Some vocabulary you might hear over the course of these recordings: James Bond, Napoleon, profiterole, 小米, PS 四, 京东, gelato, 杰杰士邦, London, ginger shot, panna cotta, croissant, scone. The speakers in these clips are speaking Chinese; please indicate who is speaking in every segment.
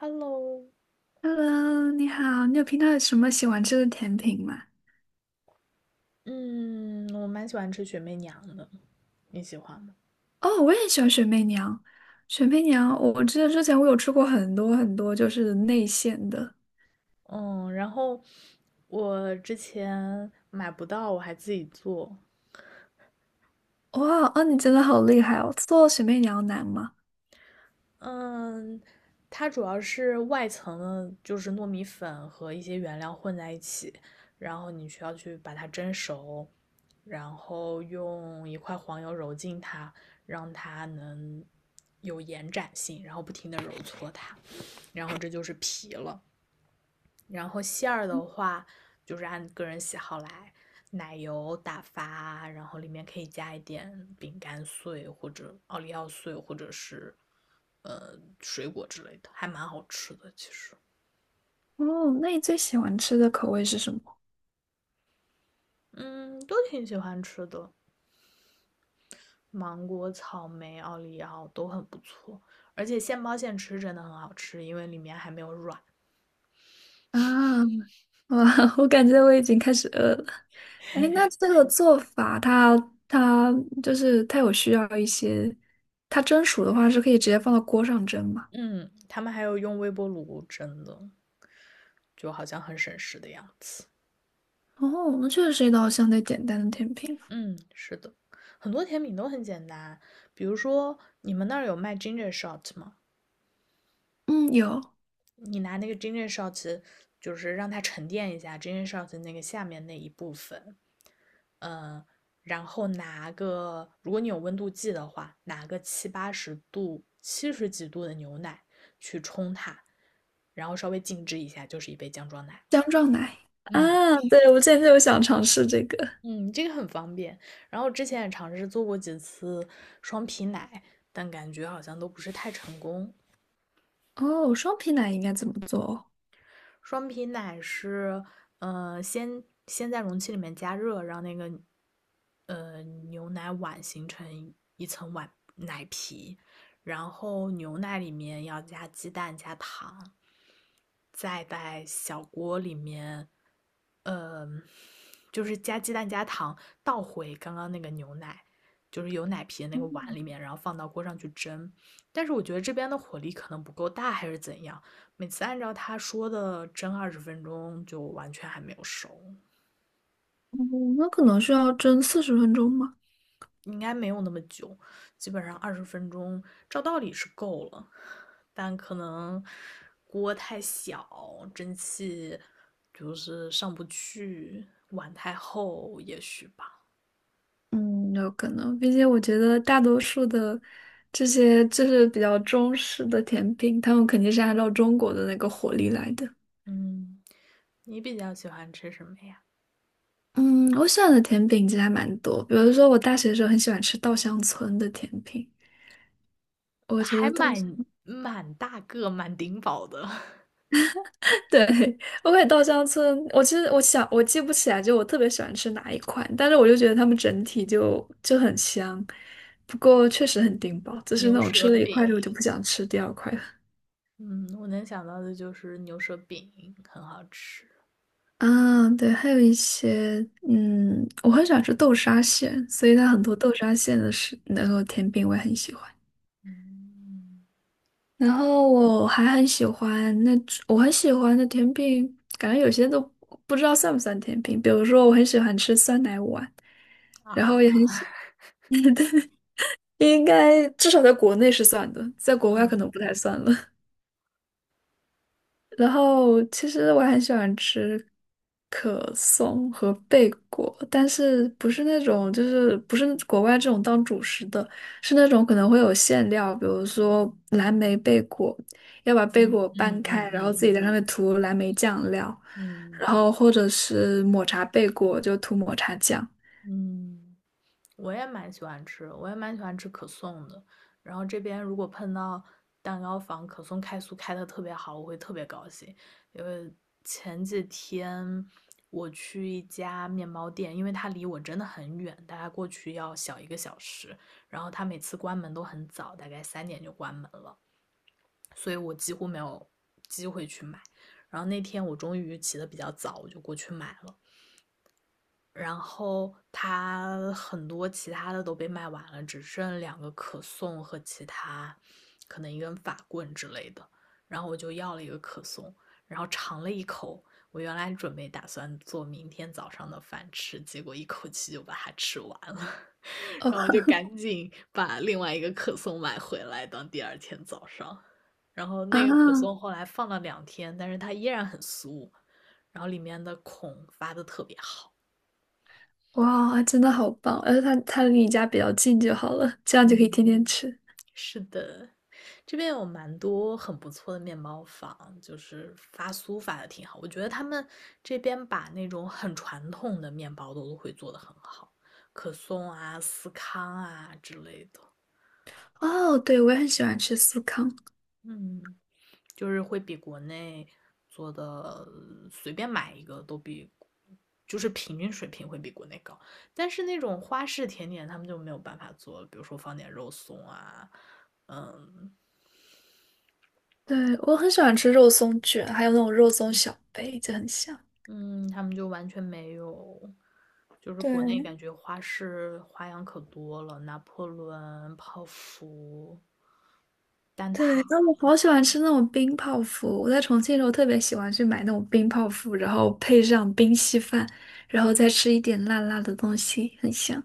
Speaker 1: Hello。
Speaker 2: Hello，你好，你有平常有什么喜欢吃的甜品吗？
Speaker 1: 嗯，我蛮喜欢吃雪媚娘的，你喜欢吗？
Speaker 2: 哦，我也喜欢雪媚娘。雪媚娘，我记得之前我有吃过很多很多，就是内馅的。
Speaker 1: 嗯，然后我之前买不到，我还自己做。
Speaker 2: 哇，哦，你真的好厉害哦！做雪媚娘难吗？
Speaker 1: 嗯，它主要是外层的，就是糯米粉和一些原料混在一起，然后你需要去把它蒸熟，然后用一块黄油揉进它，让它能有延展性，然后不停的揉搓它，然后这就是皮了。然后馅儿的话，就是按个人喜好来，奶油打发，然后里面可以加一点饼干碎或者奥利奥碎，或者是呃水果之类的，还蛮好吃的。其实，
Speaker 2: 哦，那你最喜欢吃的口味是什么？
Speaker 1: 嗯，都挺喜欢吃的，芒果、草莓、奥利奥都很不错，而且现包现吃真的很好吃，因为里面还没有软。
Speaker 2: 啊，哇，我感觉我已经开始饿了。哎，那这个做法它就是它有需要一些，它蒸熟的话是可以直接放到锅上蒸吗？
Speaker 1: 嗯，他们还有用微波炉蒸的，就好像很省事的样子。
Speaker 2: 哦，那确实是一道相对简单的甜品。
Speaker 1: 嗯，是的，很多甜品都很简单。比如说，你们那儿有卖 ginger shot 吗？
Speaker 2: 嗯，有
Speaker 1: 你拿那个 ginger shot，就是让它沉淀一下 ginger shot 那个下面那一部分，嗯，然后拿个，如果你有温度计的话，拿个七八十度、七十几度的牛奶去冲它，然后稍微静置一下，就是一杯姜撞奶。
Speaker 2: 姜撞奶。啊，
Speaker 1: 嗯。
Speaker 2: 对，我之前就想尝试这个。
Speaker 1: 嗯，这个很方便。然后之前也尝试做过几次双皮奶，但感觉好像都不是太成功。
Speaker 2: 哦，双皮奶应该怎么做？
Speaker 1: 双皮奶是，先在容器里面加热，让那个牛奶碗形成一层碗奶皮，然后牛奶里面要加鸡蛋、加糖，再在小锅里面，嗯、就是加鸡蛋、加糖，倒回刚刚那个牛奶，就是有奶皮的那
Speaker 2: 哦，
Speaker 1: 个碗里面，然后放到锅上去蒸。但是我觉得这边的火力可能不够大，还是怎样。每次按照他说的蒸二十分钟，就完全还没有熟，
Speaker 2: 嗯那可能需要蒸40分钟吗？
Speaker 1: 应该没有那么久，基本上二十分钟照道理是够了，但可能锅太小，蒸汽就是上不去，碗太厚，也许吧。
Speaker 2: 嗯，有可能，并且我觉得大多数的这些就是比较中式的甜品，他们肯定是按照中国的那个火力来的。
Speaker 1: 嗯，你比较喜欢吃什么呀？
Speaker 2: 嗯，我喜欢的甜品其实还蛮多，比如说我大学的时候很喜欢吃稻香村的甜品，我觉
Speaker 1: 还
Speaker 2: 得稻
Speaker 1: 蛮大个、蛮顶饱的
Speaker 2: 对，我感觉稻香村，我其实我想我记不起来，就我特别喜欢吃哪一款，但是我就觉得他们整体就很香，不过确实很顶饱，就是
Speaker 1: 牛
Speaker 2: 那种
Speaker 1: 舌
Speaker 2: 吃了一
Speaker 1: 饼。
Speaker 2: 块之后就不想吃第二块了。
Speaker 1: 嗯，我能想到的就是牛舌饼很好吃。
Speaker 2: 啊，对，还有一些，嗯，我很喜欢吃豆沙馅，所以它很多豆沙馅的是那个甜品我也很喜欢。
Speaker 1: 嗯，
Speaker 2: 然后我还很喜欢那种，我很喜欢的甜品，感觉有些都不知道算不算甜品，比如说我很喜欢吃酸奶碗。然
Speaker 1: 啊，
Speaker 2: 后也很喜，应该至少在国内是算的，在国外可
Speaker 1: 嗯
Speaker 2: 能不太算了。然后其实我很喜欢吃可颂和贝果，但是不是那种就是不是国外这种当主食的，是那种可能会有馅料，比如说蓝莓贝果，要把贝
Speaker 1: 嗯
Speaker 2: 果掰
Speaker 1: 嗯
Speaker 2: 开，
Speaker 1: 嗯
Speaker 2: 然后
Speaker 1: 嗯
Speaker 2: 自己
Speaker 1: 嗯
Speaker 2: 在上面涂蓝莓酱料，
Speaker 1: 嗯，
Speaker 2: 然后或者是抹茶贝果就涂抹茶酱。
Speaker 1: 嗯我也蛮喜欢吃，我也蛮喜欢吃可颂的。然后这边如果碰到蛋糕房可颂开酥开的特别好，我会特别高兴。因为前几天我去一家面包店，因为它离我真的很远，大概过去要小一个小时。然后它每次关门都很早，大概3点就关门了。所以我几乎没有机会去买。然后那天我终于起得比较早，我就过去买了。然后它很多其他的都被卖完了，只剩两个可颂和其他可能一根法棍之类的。然后我就要了一个可颂，然后尝了一口。我原来准备打算做明天早上的饭吃，结果一口气就把它吃完了。
Speaker 2: 哦
Speaker 1: 然后就赶紧把另外一个可颂买回来当第二天早上。然后那个可颂
Speaker 2: 啊。
Speaker 1: 后来放了2天，但是它依然很酥，然后里面的孔发的特别好。
Speaker 2: 哇，真的好棒！而且它离你家比较近就好了，这样就可以天
Speaker 1: 嗯，
Speaker 2: 天吃。
Speaker 1: 是的，这边有蛮多很不错的面包坊，就是发酥发的挺好。我觉得他们这边把那种很传统的面包都会做的很好，可颂啊、司康啊之类的。
Speaker 2: 哦，对，我也很喜欢吃司康，
Speaker 1: 嗯。就是会比国内做的随便买一个都比，就是平均水平会比国内高。但是那种花式甜点他们就没有办法做了，比如说放点肉松啊，嗯
Speaker 2: 对，我很喜欢吃肉松卷，还有那种肉松小杯，就很香。
Speaker 1: 嗯，他们就完全没有。就是国内感
Speaker 2: 对，
Speaker 1: 觉花式花样可多了，拿破仑、泡芙、蛋
Speaker 2: 对，
Speaker 1: 挞。
Speaker 2: 然后我好喜欢吃那种冰泡芙。我在重庆的时候特别喜欢去买那种冰泡芙，然后配上冰稀饭，然后再吃一点辣辣的东西，很香。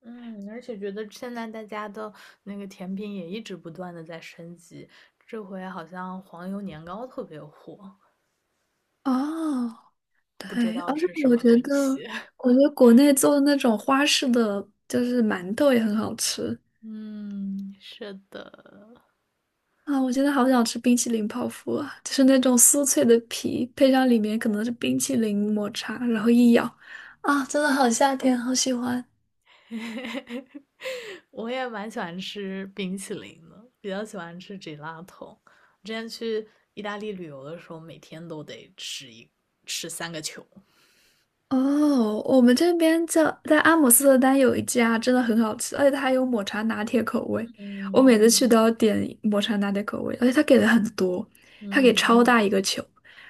Speaker 1: 嗯，而且觉得现在大家的那个甜品也一直不断的在升级，这回好像黄油年糕特别火，
Speaker 2: 哦，对，
Speaker 1: 不知道
Speaker 2: 而且
Speaker 1: 是什
Speaker 2: 我
Speaker 1: 么
Speaker 2: 觉
Speaker 1: 东
Speaker 2: 得，
Speaker 1: 西。
Speaker 2: 我觉得国内做的那种花式的就是馒头也很好吃。
Speaker 1: 嗯，是的，
Speaker 2: 啊，我现在好想吃冰淇淋泡芙啊，就是那种酥脆的皮，配上里面可能是冰淇淋抹茶，然后一咬，啊，真的好夏天，好喜欢。
Speaker 1: 我也蛮喜欢吃冰淇淋的，比较喜欢吃 gelato。之前去意大利旅游的时候，每天都得吃三个球。
Speaker 2: 哦，我们这边在阿姆斯特丹有一家真的很好吃，而且它还有抹茶拿铁口味。我
Speaker 1: 嗯
Speaker 2: 每次去都要点抹茶拿铁口味，而且它给的很多，它给
Speaker 1: 嗯，
Speaker 2: 超大一个球。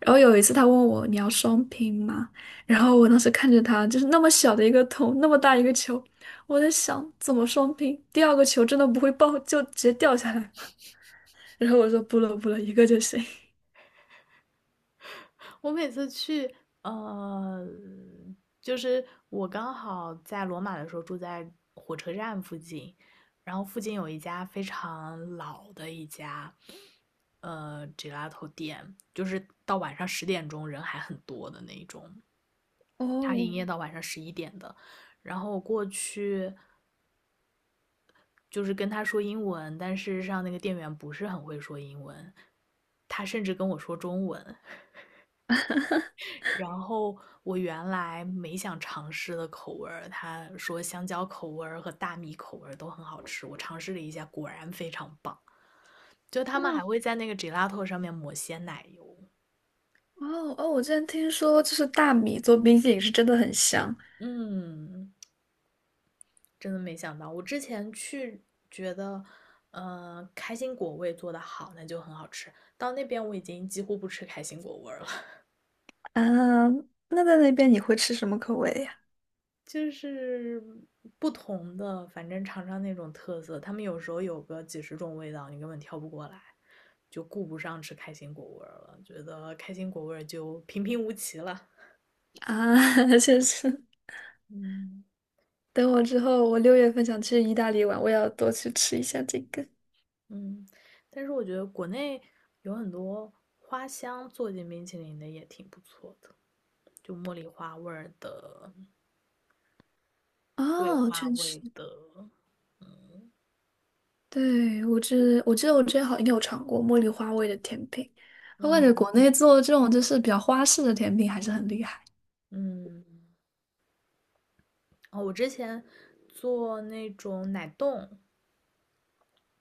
Speaker 2: 然后有一次他问我你要双拼吗？然后我当时看着他就是那么小的一个桶，那么大一个球，我在想怎么双拼？第二个球真的不会爆就直接掉下来吗 然后我说不了不了，一个就行。
Speaker 1: 我每次去，呃，就是我刚好在罗马的时候住在火车站附近，然后附近有一家非常老的一家，gelato 店，就是到晚上10点钟人还很多的那一种，它营
Speaker 2: 哦。
Speaker 1: 业到晚上11点的。然后我过去就是跟他说英文，但事实上那个店员不是很会说英文，他甚至跟我说中文，然后我原来没想尝试的口味儿，他说香蕉口味儿和大米口味儿都很好吃，我尝试了一下，果然非常棒。就他们还
Speaker 2: 嗯，
Speaker 1: 会在那个 gelato 上面抹些奶油，
Speaker 2: 哦哦，我之前听说，就是大米做冰淇淋是真的很香，
Speaker 1: 嗯，真的没想到，我之前去觉得，开心果味做的好，那就很好吃。到那边我已经几乎不吃开心果味儿了，
Speaker 2: 啊，那在那边你会吃什么口味呀？
Speaker 1: 就是不同的，反正尝尝那种特色，他们有时候有个几十种味道，你根本挑不过来，就顾不上吃开心果味儿了，觉得开心果味儿就平平无奇了。
Speaker 2: 啊，确实，
Speaker 1: 嗯，
Speaker 2: 等我之后，我6月份想去意大利玩，我要多去吃一下这个。
Speaker 1: 嗯，但是我觉得国内有很多花香做进冰淇淋的也挺不错的，就茉莉花味儿的、桂
Speaker 2: 哦，
Speaker 1: 花
Speaker 2: 确实，
Speaker 1: 味的，
Speaker 2: 对，我记得我之前好像应该有尝过茉莉花味的甜品，我感觉
Speaker 1: 嗯
Speaker 2: 国内做这种就是比较花式的甜品还是很厉害。
Speaker 1: 嗯，哦，我之前做那种奶冻，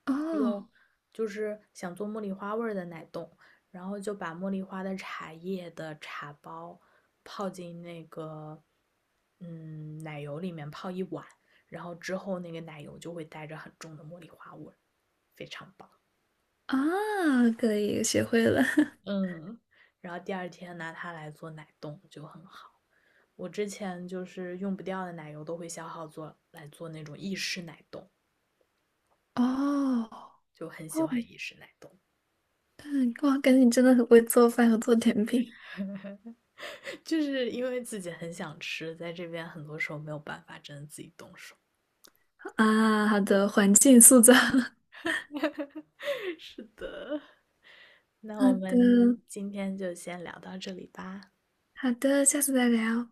Speaker 2: 哦，
Speaker 1: 用就是想做茉莉花味儿的奶冻，然后就把茉莉花的茶叶的茶包泡进那个奶油里面泡一晚，然后之后那个奶油就会带着很重的茉莉花味儿，非常棒。
Speaker 2: 啊，可以，学会了。
Speaker 1: 嗯，然后第二天拿它来做奶冻就很好。我之前就是用不掉的奶油都会消耗做来做那种意式奶冻，
Speaker 2: 哦，
Speaker 1: 就很喜
Speaker 2: 哦，
Speaker 1: 欢意式奶冻。
Speaker 2: 对，哇，感觉你真的很会做饭和做甜品
Speaker 1: 就是因为自己很想吃，在这边很多时候没有办法真的自己动手。
Speaker 2: 啊！好的，环境塑造，
Speaker 1: 是的，那我
Speaker 2: 好
Speaker 1: 们
Speaker 2: 的。
Speaker 1: 今天就先聊到这里吧。
Speaker 2: 好的，下次再聊。